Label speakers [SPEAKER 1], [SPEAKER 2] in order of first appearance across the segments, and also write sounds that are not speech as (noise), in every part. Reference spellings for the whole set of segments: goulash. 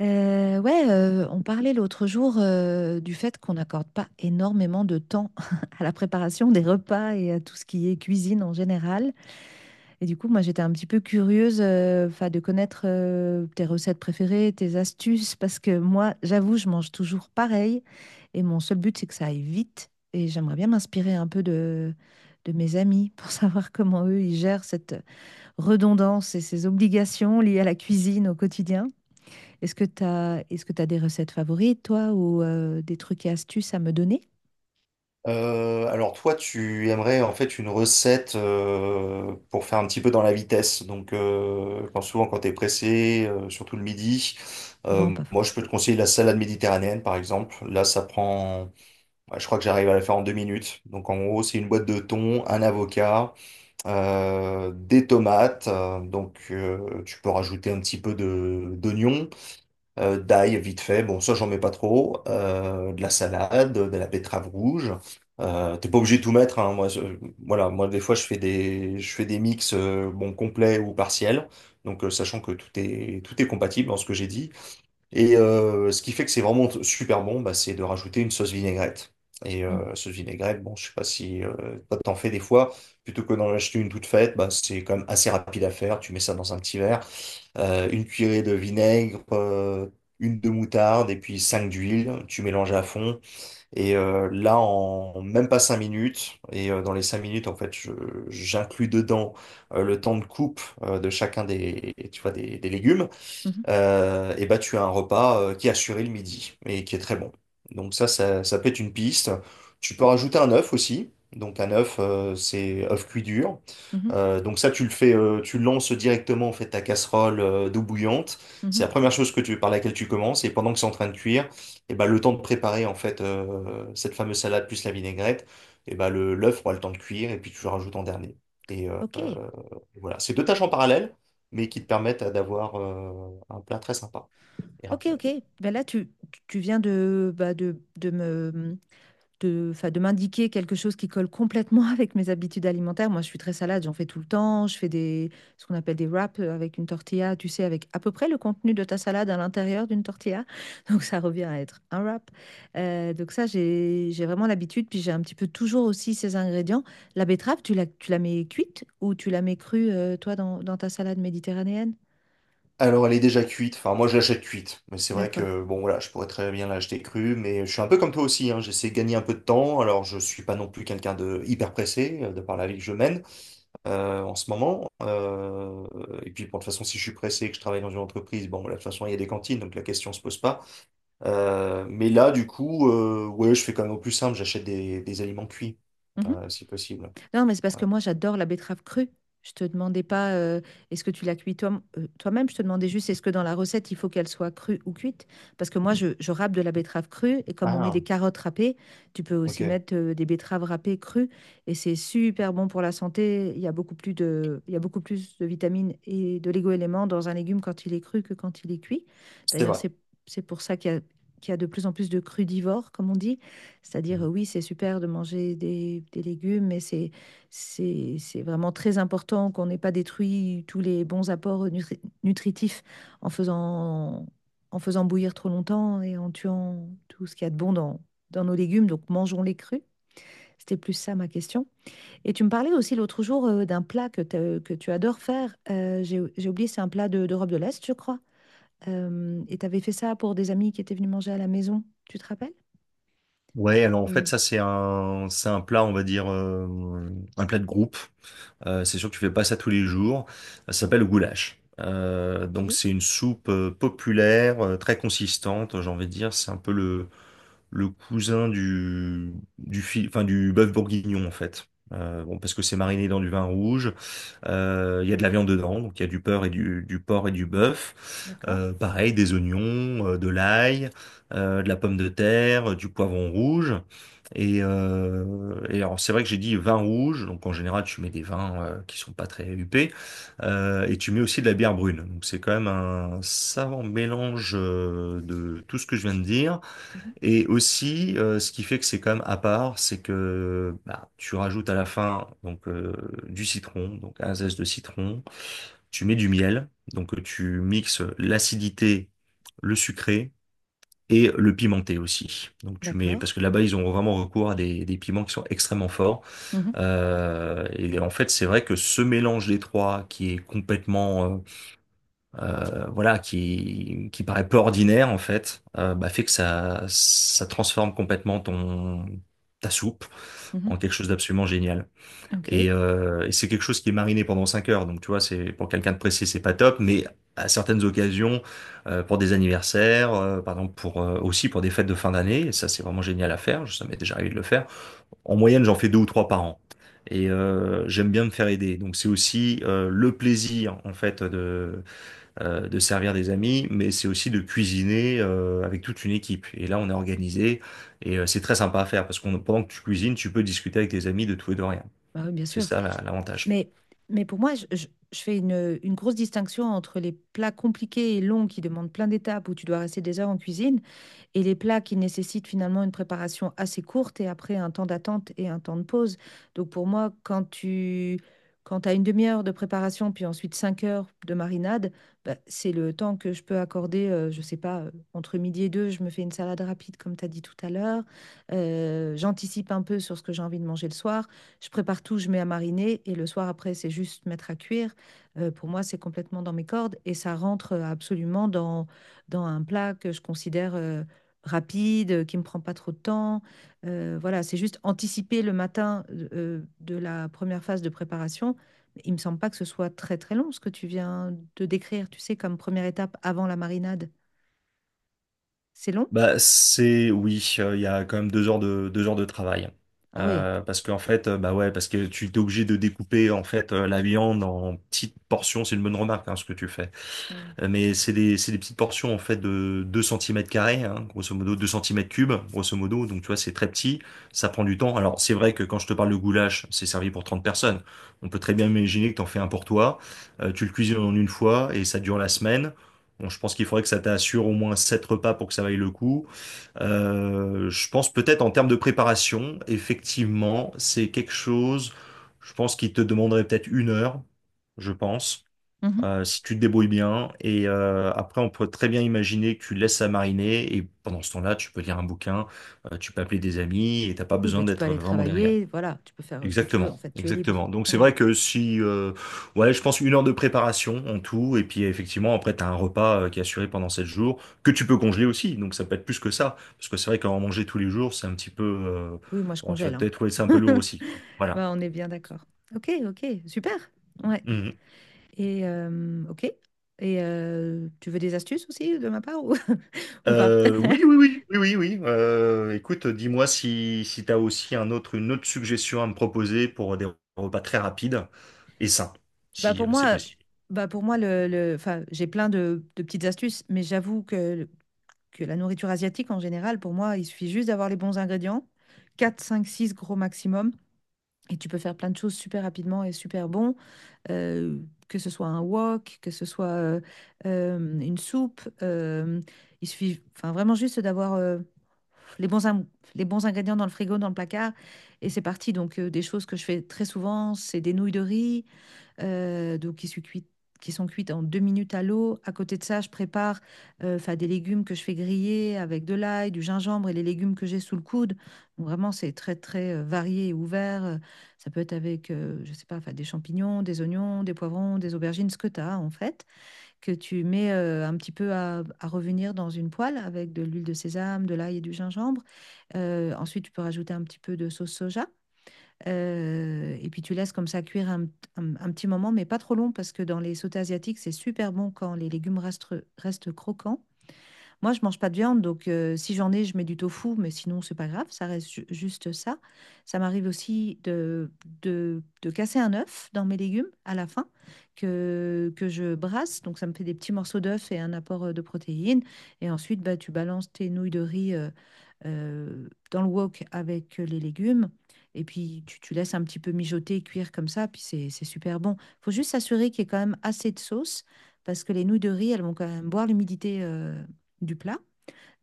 [SPEAKER 1] Ouais, on parlait l'autre jour du fait qu'on n'accorde pas énormément de temps (laughs) à la préparation des repas et à tout ce qui est cuisine en général. Et du coup, moi, j'étais un petit peu curieuse 'fin, de connaître tes recettes préférées, tes astuces, parce que moi, j'avoue, je mange toujours pareil et mon seul but, c'est que ça aille vite. Et j'aimerais bien m'inspirer un peu de mes amis pour (laughs) savoir comment eux, ils gèrent cette redondance et ces obligations liées à la cuisine au quotidien. Est-ce que tu as des recettes favorites, toi, ou des trucs et astuces à me donner?
[SPEAKER 2] Alors toi, tu aimerais en fait une recette pour faire un petit peu dans la vitesse. Donc quand souvent quand t'es pressé, surtout le midi,
[SPEAKER 1] Non, pas.
[SPEAKER 2] moi je peux te conseiller la salade méditerranéenne par exemple. Là ça prend, je crois que j'arrive à la faire en 2 minutes. Donc en gros c'est une boîte de thon, un avocat, des tomates. Donc tu peux rajouter un petit peu de d'oignon d'ail vite fait, bon ça j'en mets pas trop, de la salade, de la betterave rouge. T'es pas obligé de tout mettre, hein. Voilà, moi des fois je fais des mix bon complets ou partiels, donc sachant que tout est compatible dans ce que j'ai dit. Et ce qui fait que c'est vraiment super bon, c'est de rajouter une sauce vinaigrette. Et
[SPEAKER 1] Mm.
[SPEAKER 2] sauce vinaigrette, bon je sais pas si toi, t'en fais des fois, plutôt que d'en acheter une toute faite, c'est quand même assez rapide à faire. Tu mets ça dans un petit verre une cuillerée de vinaigre, une de moutarde et puis 5 d'huile. Tu mélanges à fond. Et là, en même pas 5 minutes, et dans les 5 minutes, en fait, j'inclus dedans le temps de coupe de chacun des, tu vois, des légumes
[SPEAKER 1] Mhm,
[SPEAKER 2] et bah tu as un repas qui est assuré le midi et qui est très bon. Donc ça peut être une piste. Tu peux rajouter un œuf aussi. Donc un œuf, c'est œuf cuit dur.
[SPEAKER 1] mhm,
[SPEAKER 2] Donc ça, tu le fais, tu lances directement en fait ta casserole d'eau bouillante. C'est
[SPEAKER 1] mhm.
[SPEAKER 2] la première chose que tu, par laquelle tu commences. Et pendant que c'est en train de cuire, et bah, le temps de préparer en fait cette fameuse salade plus la vinaigrette, et bah, le l'œuf aura le temps de cuire et puis tu le rajoutes en dernier. Et euh,
[SPEAKER 1] Ok,
[SPEAKER 2] euh, voilà, c'est deux tâches en parallèle, mais qui te permettent d'avoir un plat très sympa et
[SPEAKER 1] ok,
[SPEAKER 2] rapide.
[SPEAKER 1] ok. Ben là, tu viens de, bah, de me, mmh, de, enfin, de m'indiquer quelque chose qui colle complètement (laughs) avec mes habitudes alimentaires. Moi, je suis très salade, j'en fais tout le temps. Je fais ce qu'on appelle des wraps avec une tortilla, tu sais, avec à peu près le contenu de ta salade à l'intérieur d'une tortilla. (laughs) Donc, ça revient à être un wrap. Donc, ça, j'ai vraiment l'habitude. Puis, j'ai un petit peu toujours aussi ces ingrédients. La betterave, tu la mets cuite ou tu la mets crue, toi, dans ta salade méditerranéenne?
[SPEAKER 2] Alors, elle est déjà cuite. Enfin, moi, je l'achète cuite. Mais c'est vrai
[SPEAKER 1] D'accord.
[SPEAKER 2] que, bon, voilà, je pourrais très bien l'acheter crue. Mais je suis un peu comme toi aussi, hein. J'essaie de gagner un peu de temps. Alors, je suis pas non plus quelqu'un de hyper pressé, de par la vie que je mène en ce moment. Et puis, bon, de toute façon, si je suis pressé et que je travaille dans une entreprise, bon, voilà, de toute façon, il y a des cantines. Donc, la question se pose pas. Mais là, du coup, ouais, je fais quand même au plus simple. J'achète des aliments cuits, si possible.
[SPEAKER 1] Non, mais c'est parce
[SPEAKER 2] Ouais.
[SPEAKER 1] que moi, j'adore la betterave crue. Je te demandais pas est-ce que tu la cuis toi, même je te demandais juste est-ce que dans la recette, il faut qu'elle soit crue ou cuite. Parce que moi, je râpe de la betterave crue et comme on met
[SPEAKER 2] Ah,
[SPEAKER 1] des carottes râpées, tu peux aussi
[SPEAKER 2] ok.
[SPEAKER 1] mettre des betteraves râpées crues et c'est super bon pour la santé. Il y a beaucoup plus de, il y a beaucoup plus de vitamines et de légumes dans un légume quand il est cru que quand il est cuit.
[SPEAKER 2] C'est
[SPEAKER 1] D'ailleurs,
[SPEAKER 2] vrai.
[SPEAKER 1] c'est pour ça qu'il y a de plus en plus de crudivores, comme on dit. C'est-à-dire, oui, c'est super de manger des légumes, mais c'est vraiment très important qu'on n'ait pas détruit tous les bons apports nutritifs en faisant, en faisant bouillir trop longtemps et en tuant tout ce qu'il y a de bon dans nos légumes. Donc mangeons-les crus. C'était plus ça ma question. Et tu me parlais aussi l'autre jour d'un plat que tu adores faire. J'ai oublié, c'est un plat d'Europe de l'Est, je crois. Et tu avais fait ça pour des amis qui étaient venus manger à la maison. Tu te rappelles?
[SPEAKER 2] Ouais, alors en fait,
[SPEAKER 1] Euh,
[SPEAKER 2] ça, c'est un plat, on va dire, un plat de groupe. C'est sûr que tu fais pas ça tous les jours. Ça s'appelle le goulash.
[SPEAKER 1] ok,
[SPEAKER 2] Donc c'est une soupe populaire, très consistante, j'ai envie de dire. C'est un peu le cousin du, enfin, du bœuf bourguignon en fait. Bon, parce que c'est mariné dans du vin rouge. Il y a de la viande dedans, donc il y a du porc et du bœuf.
[SPEAKER 1] d'accord.
[SPEAKER 2] Pareil, des oignons, de l'ail, de la pomme de terre, du poivron rouge. Et alors c'est vrai que j'ai dit vin rouge, donc en général tu mets des vins qui sont pas très huppés, et tu mets aussi de la bière brune. Donc c'est quand même un savant mélange de tout ce que je viens de dire.
[SPEAKER 1] Mhm.
[SPEAKER 2] Et aussi ce qui fait que c'est quand même à part, c'est que bah, tu rajoutes à la fin donc du citron, donc un zeste de citron, tu mets du miel, donc tu mixes l'acidité, le sucré et le pimenté aussi. Donc tu mets,
[SPEAKER 1] D'accord.
[SPEAKER 2] parce que là-bas, ils ont vraiment recours à des piments qui sont extrêmement forts.
[SPEAKER 1] Mhm,
[SPEAKER 2] Et en fait, c'est vrai que ce mélange des trois, qui est complètement, voilà, qui paraît peu ordinaire en fait, bah, fait que ça transforme complètement ton ta soupe
[SPEAKER 1] mhm.
[SPEAKER 2] en quelque chose d'absolument génial.
[SPEAKER 1] Ok.
[SPEAKER 2] Et c'est quelque chose qui est mariné pendant 5 heures. Donc, tu vois, c'est pour quelqu'un de pressé, c'est pas top. Mais à certaines occasions, pour des anniversaires, par exemple, pour aussi pour des fêtes de fin d'année, et ça c'est vraiment génial à faire. Ça m'est déjà arrivé de le faire. En moyenne, j'en fais 2 ou 3 par an. Et j'aime bien me faire aider. Donc, c'est aussi le plaisir en fait de servir des amis, mais c'est aussi de cuisiner avec toute une équipe. Et là, on est organisé et c'est très sympa à faire parce qu'on pendant que tu cuisines, tu peux discuter avec tes amis de tout et de rien.
[SPEAKER 1] Bah oui, bien
[SPEAKER 2] C'est
[SPEAKER 1] sûr.
[SPEAKER 2] ça la- l'avantage.
[SPEAKER 1] Mais, mais pour moi, je fais une grosse distinction entre les plats compliqués et longs qui demandent plein d'étapes où tu dois rester des heures en cuisine et les plats qui nécessitent finalement une préparation assez courte et après un temps d'attente et un temps de pause. Donc pour moi, quand as une demi-heure de préparation, puis ensuite 5 heures de marinade, bah, c'est le temps que je peux accorder, je sais pas, entre midi et deux, je me fais une salade rapide, comme tu as dit tout à l'heure. J'anticipe un peu sur ce que j'ai envie de manger le soir. Je prépare tout, je mets à mariner, et le soir après, c'est juste mettre à cuire. Pour moi, c'est complètement dans mes cordes, et ça rentre absolument dans, un plat que je considère rapide, qui ne me prend pas trop de temps. Voilà, c'est juste anticiper le matin de la première phase de préparation. Il ne me semble pas que ce soit très très long ce que tu viens de décrire, tu sais, comme première étape avant la marinade. C'est long?
[SPEAKER 2] Bah, c'est oui, il y a quand même 2 heures de travail.
[SPEAKER 1] Ah oui.
[SPEAKER 2] Parce qu'en fait, bah ouais, parce que tu es obligé de découper en fait la viande en petites portions. C'est une bonne remarque hein, ce que tu fais.
[SPEAKER 1] Mm.
[SPEAKER 2] Mais c'est des petites portions en fait de 2 centimètres carrés, hein, grosso modo 2 centimètres cubes, grosso modo. Donc tu vois, c'est très petit, ça prend du temps. Alors c'est vrai que quand je te parle de goulash, c'est servi pour 30 personnes. On peut très bien imaginer que t'en fais un pour toi, tu le cuisines en une fois et ça dure la semaine. Bon, je pense qu'il faudrait que ça t'assure au moins 7 repas pour que ça vaille le coup. Je pense peut-être en termes de préparation, effectivement, c'est quelque chose, je pense qu'il te demanderait peut-être 1 heure, je pense,
[SPEAKER 1] Mhm.
[SPEAKER 2] si tu te débrouilles bien. Et après, on peut très bien imaginer que tu laisses ça mariner et pendant ce temps-là, tu peux lire un bouquin, tu peux appeler des amis et t'as pas
[SPEAKER 1] Oui, bah,
[SPEAKER 2] besoin
[SPEAKER 1] tu peux
[SPEAKER 2] d'être
[SPEAKER 1] aller
[SPEAKER 2] vraiment derrière.
[SPEAKER 1] travailler, voilà, tu peux faire ce que tu veux, en
[SPEAKER 2] Exactement,
[SPEAKER 1] fait, tu es libre.
[SPEAKER 2] exactement. Donc c'est
[SPEAKER 1] Ouais.
[SPEAKER 2] vrai que si, ouais, je pense 1 heure de préparation en tout, et puis effectivement après t'as un repas qui est assuré pendant 7 jours que tu peux congeler aussi. Donc ça peut être plus que ça, parce que c'est vrai qu'en manger tous les jours, c'est un petit peu,
[SPEAKER 1] Oui, moi je
[SPEAKER 2] bon, tu vas
[SPEAKER 1] congèle, hein.
[SPEAKER 2] peut-être trouver ça un peu lourd
[SPEAKER 1] (laughs)
[SPEAKER 2] aussi, quoi. Voilà.
[SPEAKER 1] Bah, on est bien d'accord. Ok, ok, super. Ouais. Et ok. Et tu veux des astuces aussi de ma part ou, (laughs) ou pas?
[SPEAKER 2] Oui,
[SPEAKER 1] (laughs)
[SPEAKER 2] oui, oui, oui, oui, oui. Écoute, dis-moi si, si tu as aussi une autre suggestion à me proposer pour des repas très rapides et sains,
[SPEAKER 1] Bah
[SPEAKER 2] si
[SPEAKER 1] pour
[SPEAKER 2] c'est
[SPEAKER 1] moi,
[SPEAKER 2] possible.
[SPEAKER 1] bah pour moi le, enfin, j'ai plein de petites astuces, mais j'avoue que la nourriture asiatique, en général, pour moi, il suffit juste d'avoir les bons ingrédients, 4, 5, 6 gros maximum, et tu peux faire plein de choses super rapidement et super bon, euh, que ce soit un wok, que ce soit une soupe. Il suffit enfin, vraiment juste d'avoir les bons, les bons ingrédients dans le frigo, dans le placard, et c'est parti. Donc, des choses que je fais très souvent, c'est des nouilles de riz, donc qui sont cuites en 2 minutes à l'eau. À côté de ça, je prépare 'fin, des légumes que je fais griller avec de l'ail, du gingembre et les légumes que j'ai sous le coude. Donc, vraiment, c'est très, très varié et ouvert. Ça peut être avec, je sais pas, 'fin, des champignons, des oignons, des poivrons, des aubergines, ce que tu as en fait, que tu mets un petit peu à revenir dans une poêle avec de l'huile de sésame, de l'ail et du gingembre. Ensuite, tu peux rajouter un petit peu de sauce soja. Et puis tu laisses comme ça cuire un, un petit moment, mais pas trop long parce que dans les sautés asiatiques, c'est super bon quand les légumes restent, restent croquants. Moi, je mange pas de viande, donc si j'en ai, je mets du tofu, mais sinon, c'est pas grave, ça reste juste ça. Ça m'arrive aussi de, de casser un œuf dans mes légumes à la fin que je brasse, donc ça me fait des petits morceaux d'œuf et un apport de protéines. Et ensuite, bah, tu balances tes nouilles de riz dans le wok avec les légumes. Et puis tu laisses un petit peu mijoter, cuire comme ça, puis c'est super bon. Faut juste s'assurer qu'il y ait quand même assez de sauce, parce que les nouilles de riz, elles vont quand même boire l'humidité du plat.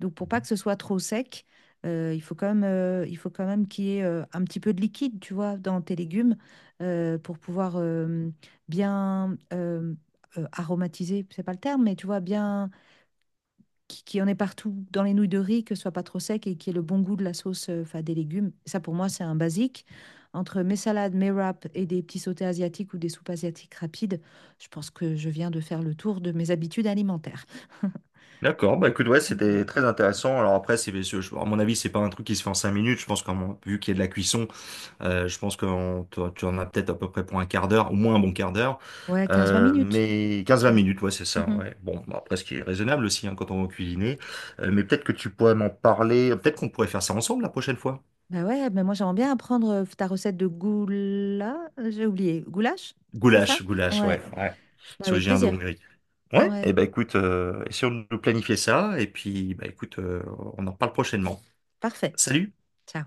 [SPEAKER 1] Donc pour pas que ce soit trop sec, il faut quand même, il faut quand même qu'il y ait un petit peu de liquide, tu vois, dans tes légumes pour pouvoir bien aromatiser, c'est pas le terme, mais tu vois, bien qui en ait partout dans les nouilles de riz, que ce soit pas trop sec et qu'il y ait le bon goût de la sauce, enfin des légumes. Ça pour moi, c'est un basique. Entre mes salades, mes wraps et des petits sautés asiatiques ou des soupes asiatiques rapides, je pense que je viens de faire le tour de mes habitudes alimentaires. (laughs)
[SPEAKER 2] D'accord, bah écoute, ouais,
[SPEAKER 1] Hmm.
[SPEAKER 2] c'était très intéressant. Alors après, à mon avis, c'est pas un truc qui se fait en 5 minutes. Je pense qu'en vu qu'il y a de la cuisson, je pense que tu en as peut-être à peu près pour un quart d'heure, au moins un bon quart d'heure.
[SPEAKER 1] Ouais, quinze vingt minutes.
[SPEAKER 2] Mais quinze vingt
[SPEAKER 1] Mmh.
[SPEAKER 2] minutes, ouais, c'est ça.
[SPEAKER 1] Mmh.
[SPEAKER 2] Ouais. Bon, bah, après, ce qui est raisonnable aussi hein, quand on va cuisiner. Mais peut-être que tu pourrais m'en parler. Peut-être qu'on pourrait faire ça ensemble la prochaine fois.
[SPEAKER 1] Bah, ouais, mais moi j'aimerais bien apprendre, ta recette de goula j'ai oublié, goulash? C'est ça?
[SPEAKER 2] Goulash, goulash,
[SPEAKER 1] Ouais,
[SPEAKER 2] ouais, ouais.
[SPEAKER 1] bah, avec
[SPEAKER 2] Syrien de
[SPEAKER 1] plaisir.
[SPEAKER 2] Hongrie. Ouais, et
[SPEAKER 1] Ouais,
[SPEAKER 2] ben écoute, essayons de planifier ça, et puis bah écoute, on en parle prochainement.
[SPEAKER 1] parfait.
[SPEAKER 2] Salut!
[SPEAKER 1] Ciao.